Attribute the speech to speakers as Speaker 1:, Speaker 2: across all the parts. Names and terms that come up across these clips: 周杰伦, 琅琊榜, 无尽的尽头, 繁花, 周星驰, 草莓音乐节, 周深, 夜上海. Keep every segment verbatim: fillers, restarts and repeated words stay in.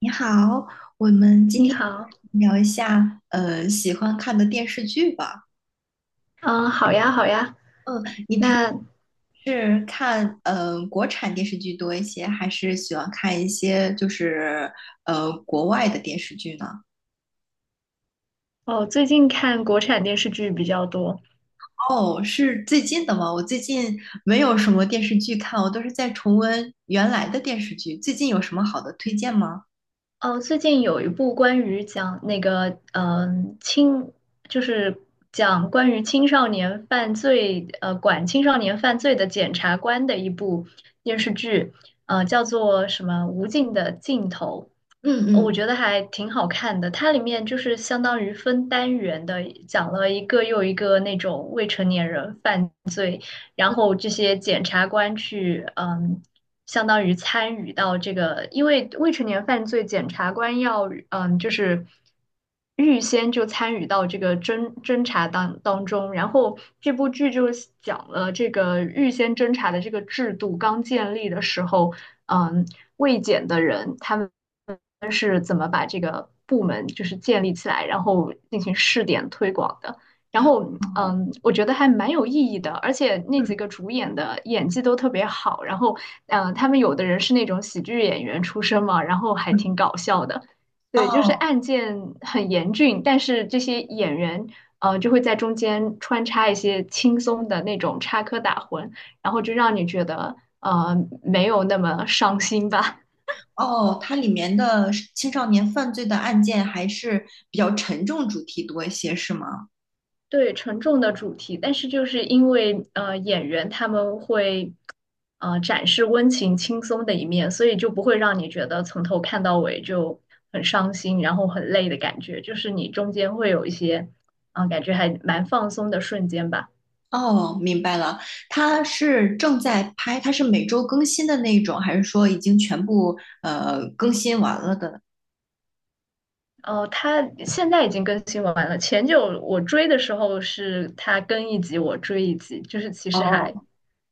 Speaker 1: 你好，我们今
Speaker 2: 你
Speaker 1: 天
Speaker 2: 好，
Speaker 1: 聊一下呃喜欢看的电视剧吧。
Speaker 2: 嗯，好呀，好呀。
Speaker 1: 嗯，你平
Speaker 2: 那
Speaker 1: 时看呃国产电视剧多一些，还是喜欢看一些就是呃国外的电视剧呢？
Speaker 2: 哦，最近看国产电视剧比较多。
Speaker 1: 哦，是最近的吗？我最近没有什么电视剧看，我都是在重温原来的电视剧。最近有什么好的推荐吗？
Speaker 2: 哦，最近有一部关于讲那个嗯青，就是讲关于青少年犯罪，呃，管青少年犯罪的检察官的一部电视剧，呃，叫做什么《无尽的尽头》。
Speaker 1: 嗯
Speaker 2: 呃我
Speaker 1: 嗯。
Speaker 2: 觉得还挺好看的，它里面就是相当于分单元的，讲了一个又一个那种未成年人犯。然后这些检察官去，嗯，相当于参与到这个，因为未成年犯罪，检察官要，嗯，就是预先就参与到这个侦侦查当当中。然后这部剧就是讲了这个预先侦查的这个制度刚建立的时候，嗯，未检的人他们。是怎么把这个部门就是建立起来，然后进行试点推广的。然后，
Speaker 1: 哦。
Speaker 2: 嗯，我觉得还蛮有意义的，而且那几个
Speaker 1: 嗯
Speaker 2: 主演的演技都特别好。然后，嗯，他们有的人是那种喜剧演员出身嘛，然后还
Speaker 1: 嗯。
Speaker 2: 挺搞笑的。对，就是
Speaker 1: 哦。
Speaker 2: 案件很严峻，但是这些演员，呃，就会在中间穿插一些轻松的那种插科打诨，然后就让你觉得，呃，没有那么伤心吧。
Speaker 1: 哦，它里面的青少年犯罪的案件还是比较沉重主题多一些，是吗？
Speaker 2: 对沉重的主题，但是就是因为呃演员他们会呃展示温情轻松的一面，所以就不会让你觉得从头看到尾就很伤心，然后很累的感觉，就是你中间会有一些啊、呃感觉还蛮放松的瞬间吧。
Speaker 1: 哦，明白了，它是正在拍，它是每周更新的那种，还是说已经全部呃更新完了的？
Speaker 2: 哦，它现在已经更新完了。前久我追的时候是它更一集，我追一集，就是其实
Speaker 1: 哦
Speaker 2: 还，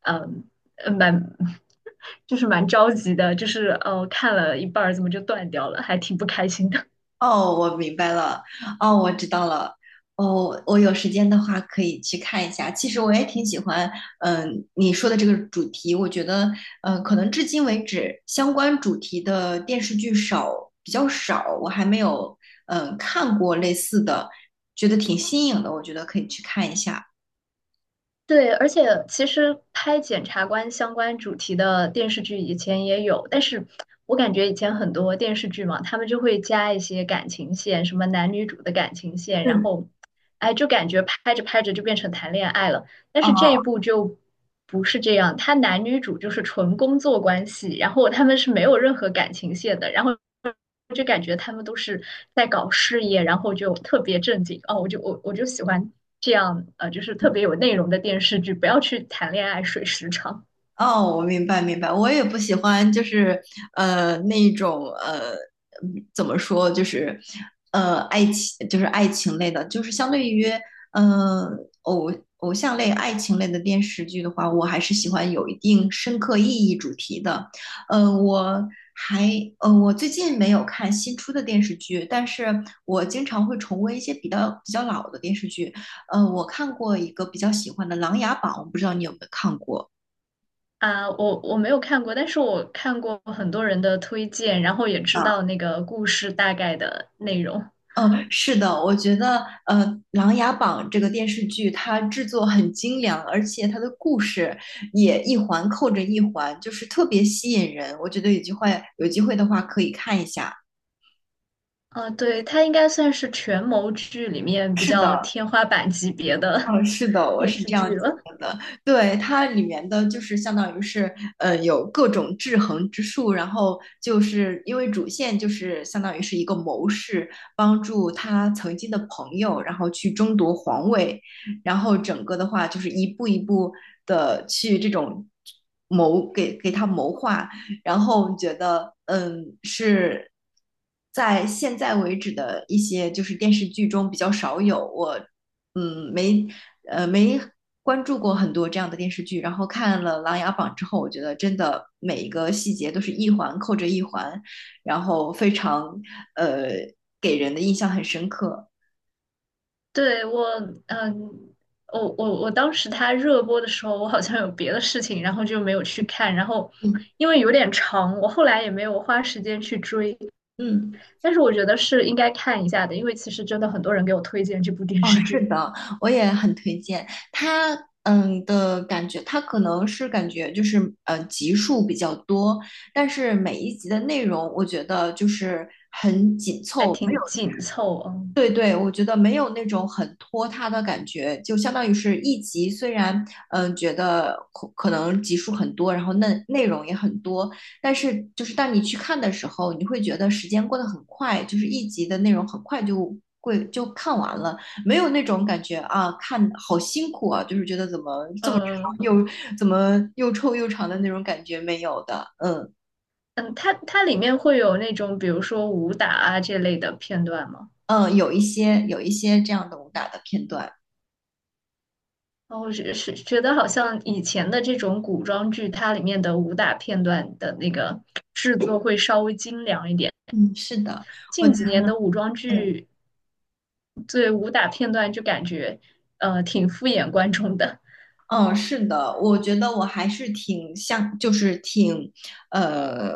Speaker 2: 嗯，呃蛮，就是蛮着急的，就是呃看了一半儿怎么就断掉了，还挺不开心的。
Speaker 1: 哦，我明白了。哦，我知道了。哦，我有时间的话可以去看一下。其实我也挺喜欢，嗯，你说的这个主题，我觉得，嗯，可能至今为止相关主题的电视剧少，比较少，我还没有，嗯，看过类似的，觉得挺新颖的，我觉得可以去看一下。
Speaker 2: 对，而且其实拍检察官相关主题的电视剧以前也有，但是我感觉以前很多电视剧嘛，他们就会加一些感情线，什么男女主的感情线，然
Speaker 1: 嗯。
Speaker 2: 后，哎，就感觉拍着拍着就变成谈恋爱了。但
Speaker 1: 哦。
Speaker 2: 是这一部就不是这样，他男女主就是纯工作关系，然后他们是没有任何感情线的，然后。我就感觉他们都是在搞事业，然后就特别正经哦，我就我我就喜欢这样，呃，就是特别有内容的电视剧，不要去谈恋爱水时长
Speaker 1: 哦，我明白明白，我也不喜欢，就是呃那一种呃嗯怎么说，就是呃爱情，就是爱情类的，就是相对于呃偶偶像类、爱情类的电视剧的话，我还是喜欢有一定深刻意义主题的。呃，我还呃我最近没有看新出的电视剧，但是我经常会重温一些比较比较老的电视剧。呃，我看过一个比较喜欢的《琅琊榜》，我不知道你有没有看过。
Speaker 2: 啊，我我没有看过，但是我看过很多人的推荐，然后也知
Speaker 1: 啊？
Speaker 2: 道那个故事大概的内容。
Speaker 1: 嗯，是的，我觉得呃，《琅琊榜》这个电视剧它制作很精良，而且它的故事也一环扣着一环，就是特别吸引人。我觉得有机会有机会的话可以看一下。
Speaker 2: 啊，对，它应该算是权谋剧里面比
Speaker 1: 是的，
Speaker 2: 较天花板级别的
Speaker 1: 哦，是的，我
Speaker 2: 电
Speaker 1: 是
Speaker 2: 视
Speaker 1: 这样
Speaker 2: 剧
Speaker 1: 觉
Speaker 2: 了。
Speaker 1: 得的。对，它里面的就是相当于是，呃，有各种制衡之术，然后就是因为主线就是相当于是一个谋士，帮助他曾经的朋友，然后去争夺皇位，然后整个的话就是一步一步的去这种谋给给他谋划，然后觉得嗯是在现在为止的一些就是电视剧中比较少有我。嗯，没呃没关注过很多这样的电视剧，然后看了《琅琊榜》之后，我觉得真的每一个细节都是一环扣着一环，然后非常呃给人的印象很深刻。
Speaker 2: 对，我，嗯，我我我当时他热播的时候，我好像有别的事情，然后就没有去看。然后
Speaker 1: 嗯
Speaker 2: 因为有点长，我后来也没有花时间去追。
Speaker 1: 嗯，
Speaker 2: 但是我觉得是应该看一下的，因为其实真的很多人给我推荐这部电
Speaker 1: 哦，
Speaker 2: 视
Speaker 1: 是
Speaker 2: 剧，
Speaker 1: 的，我也很推荐它。嗯的感觉，它可能是感觉就是呃集数比较多，但是每一集的内容我觉得就是很紧
Speaker 2: 还
Speaker 1: 凑。
Speaker 2: 挺
Speaker 1: 有。
Speaker 2: 紧凑啊。
Speaker 1: 对对，我觉得没有那种很拖沓的感觉，就相当于是一集，虽然嗯、呃觉得可可能集数很多，然后内内容也很多，但是就是当你去看的时候，你会觉得时间过得很快，就是一集的内容很快就会就看完了，没有那种感觉啊，看好辛苦啊，就是觉得怎么这么长
Speaker 2: 嗯
Speaker 1: 又怎么又臭又长的那种感觉没有的。嗯
Speaker 2: 嗯，它它里面会有那种比如说武打啊这类的片段吗？
Speaker 1: 嗯，有一些有一些这样的武打的片段，
Speaker 2: 然我是是觉得好像以前的这种古装剧，它里面的武打片段的那个制作会稍微精良一点。
Speaker 1: 嗯，是的，我
Speaker 2: 近几年的武装
Speaker 1: 对。
Speaker 2: 剧，对武打片段就感觉呃挺敷衍观众的。
Speaker 1: 嗯，是的，我觉得我还是挺像，就是挺，呃，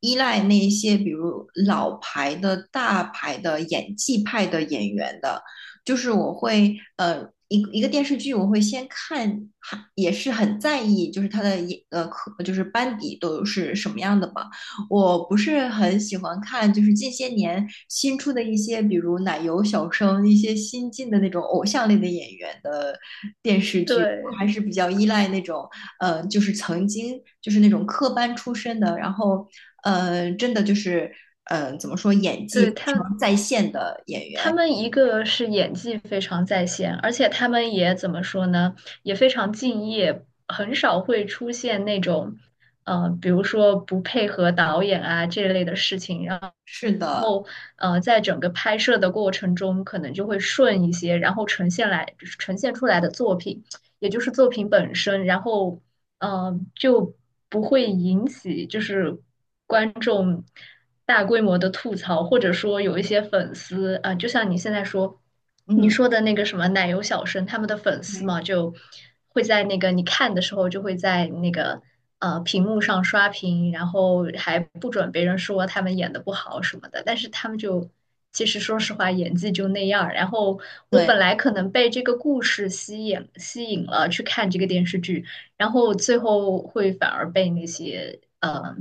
Speaker 1: 依赖那一些比如老牌的大牌的演技派的演员的，就是我会，呃，一个一个电视剧我会先看，还也是很在意，就是他的演，呃，可就是班底都是什么样的嘛，我不是很喜欢看，就是近些年新出的一些，比如奶油小生，一些新进的那种偶像类的演员的电视剧，我
Speaker 2: 对，
Speaker 1: 还是比较依赖那种，呃，就是曾经就是那种科班出身的，然后，呃，真的就是，呃，怎么说，演技
Speaker 2: 对
Speaker 1: 非
Speaker 2: 他
Speaker 1: 常在线的演
Speaker 2: 他
Speaker 1: 员。
Speaker 2: 们一个是演技非常在线，而且他们也怎么说呢，也非常敬业，很少会出现那种呃，比如说不配合导演啊这类的事情，
Speaker 1: 是的，
Speaker 2: 呃，在整个拍摄的过程中可能就会顺一些，然后呈现来呈现出来的作品，也就是作品本身，然后嗯、呃就不会引起就是观众大规模的吐槽，或者说有一些粉丝啊、呃就像你现在说你
Speaker 1: 嗯，
Speaker 2: 说的那个什么奶油小生，他们的粉丝
Speaker 1: 对
Speaker 2: 嘛，就会在那个你看的时候就会在那个呃屏幕上刷屏，然后还不准别人说他们演的不好什么的，但是他们就。其实说实话，演技就那样儿然后我本
Speaker 1: 对，
Speaker 2: 来可能被这个故事吸引吸引了去看这个电视剧，然后最后会反而被那些嗯呃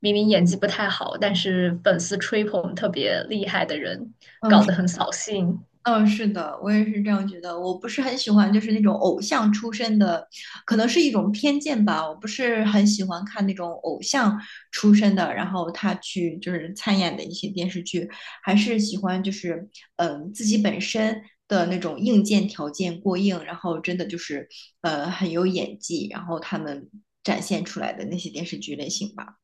Speaker 2: 明明演技不太好，但是粉丝吹捧特别厉害的人，
Speaker 1: 嗯，
Speaker 2: 搞得很扫兴。
Speaker 1: 嗯，是的，我也是这样觉得。我不是很喜欢，就是那种偶像出身的，可能是一种偏见吧。我不是很喜欢看那种偶像出身的，然后他去就是参演的一些电视剧，还是喜欢就是嗯、呃自己本身的那种硬件条件过硬，然后真的就是呃很有演技，然后他们展现出来的那些电视剧类型吧。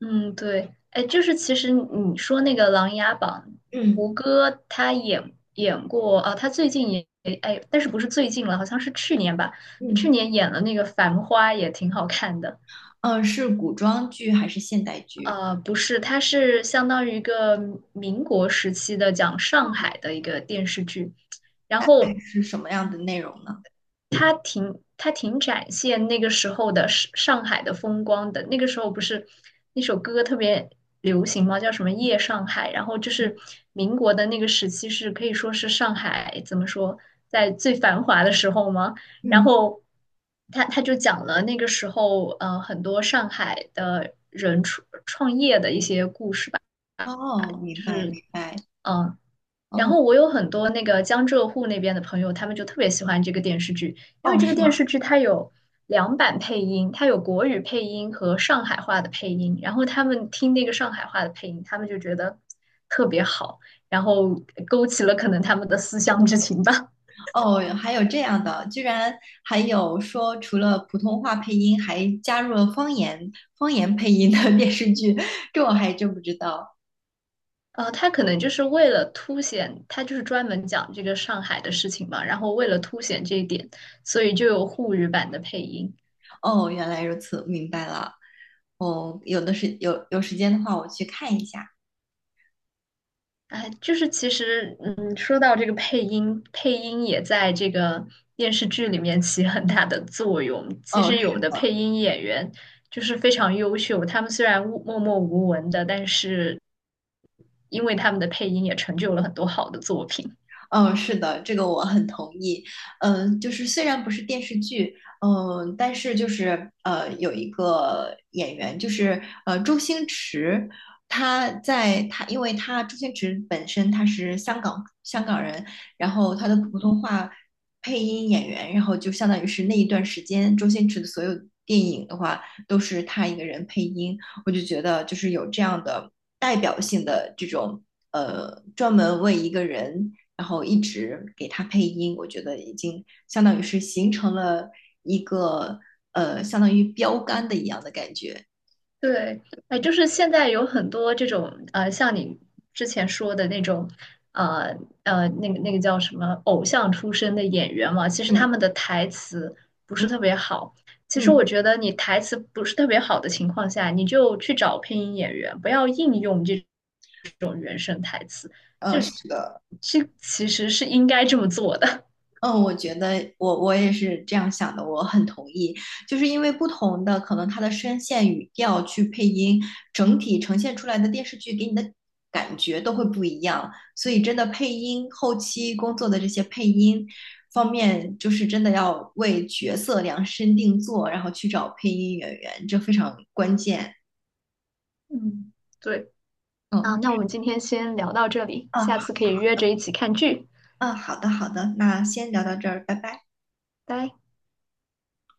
Speaker 2: 嗯，对，哎，就是其实你说那个《琅琊榜》，胡
Speaker 1: 嗯
Speaker 2: 歌他演演过啊，他最近也哎，但是不是最近了，好像是去年吧，去
Speaker 1: 嗯，
Speaker 2: 年演了那个《繁花》，也挺好看的。
Speaker 1: 呃，是古装剧还是现代剧？
Speaker 2: 呃，不是，他是相当于一个民国时期的讲上海的一个电视剧，然后
Speaker 1: 是什么样的内容呢？
Speaker 2: 他挺他挺展现那个时候的上上海的风光的。那个时候不是那首歌特别流行吗？叫什么《夜上海》？然后就是民国的那个时期是可以说是上海怎么说，在最繁华的时候吗？然
Speaker 1: 嗯。
Speaker 2: 后他他就讲了那个时候呃很多上海的人创创业的一些故事吧，
Speaker 1: 哦，明白明白。
Speaker 2: 嗯。然
Speaker 1: 哦
Speaker 2: 后我有很多那个江浙沪那边的朋友，他们就特别喜欢这个电视剧，因为
Speaker 1: 哦，
Speaker 2: 这个
Speaker 1: 是
Speaker 2: 电
Speaker 1: 吗？
Speaker 2: 视剧它有两版配音，它有国语配音和上海话的配音。然后他们听那个上海话的配音，他们就觉得特别好，然后勾起了可能他们的思乡之情吧。
Speaker 1: 哦，还有这样的，居然还有说除了普通话配音，还加入了方言方言配音的电视剧，这我还真不知道。
Speaker 2: 呃，他可能就是为了凸显，他就是专门讲这个上海的事情嘛，然后为了凸显这一点，所以就有沪语版的配音。
Speaker 1: 哦，原来如此，明白了。哦，有的是有有时间的话，我去看一下。
Speaker 2: 哎，就是其实，嗯，说到这个配音，配音也在这个电视剧里面起很大的作用。其
Speaker 1: 哦。
Speaker 2: 实有的配音演员就是非常优秀，他们虽然无默默无闻的，但是因为他们的配音也成就了很多好的作品。
Speaker 1: 嗯，是的，这个我很同意。嗯，就是虽然不是电视剧，嗯，但是就是呃，有一个演员，就是呃，周星驰，他在他，因为他周星驰本身他是香港香港人，然后他的普通话配音演员，然后就相当于是那一段时间，周星驰的所有电影的话都是他一个人配音，我就觉得就是有这样的代表性的这种。呃，专门为一个人然后一直给他配音，我觉得已经相当于是形成了一个呃，相当于标杆的一样的感觉。
Speaker 2: 对，哎，就是现在有很多这种呃，像你之前说的那种，呃呃，那个那个叫什么偶像出身的演员嘛，其实他
Speaker 1: 嗯
Speaker 2: 们的台词不是
Speaker 1: 嗯
Speaker 2: 特别好。其实
Speaker 1: 嗯，
Speaker 2: 我觉得你台词不是特别好的情况下，你就去找配音演员，不要硬用这种原声台词，就
Speaker 1: 呃，是的，
Speaker 2: 这其实是应该这么做的。
Speaker 1: 嗯，我觉得我我也是这样想的，我很同意，就是因为不同的可能他的声线、语调去配音，整体呈现出来的电视剧给你的感觉都会不一样，所以真的配音后期工作的这些配音方面，就是真的要为角色量身定做，然后去找配音演员，这非常关键。
Speaker 2: 嗯，对。啊，
Speaker 1: 嗯，
Speaker 2: 那我们今天先聊到这里，
Speaker 1: 嗯
Speaker 2: 下
Speaker 1: 好，
Speaker 2: 次可以约着一起看剧，
Speaker 1: 嗯，好的，好的，那先聊到这儿，拜拜。
Speaker 2: 拜。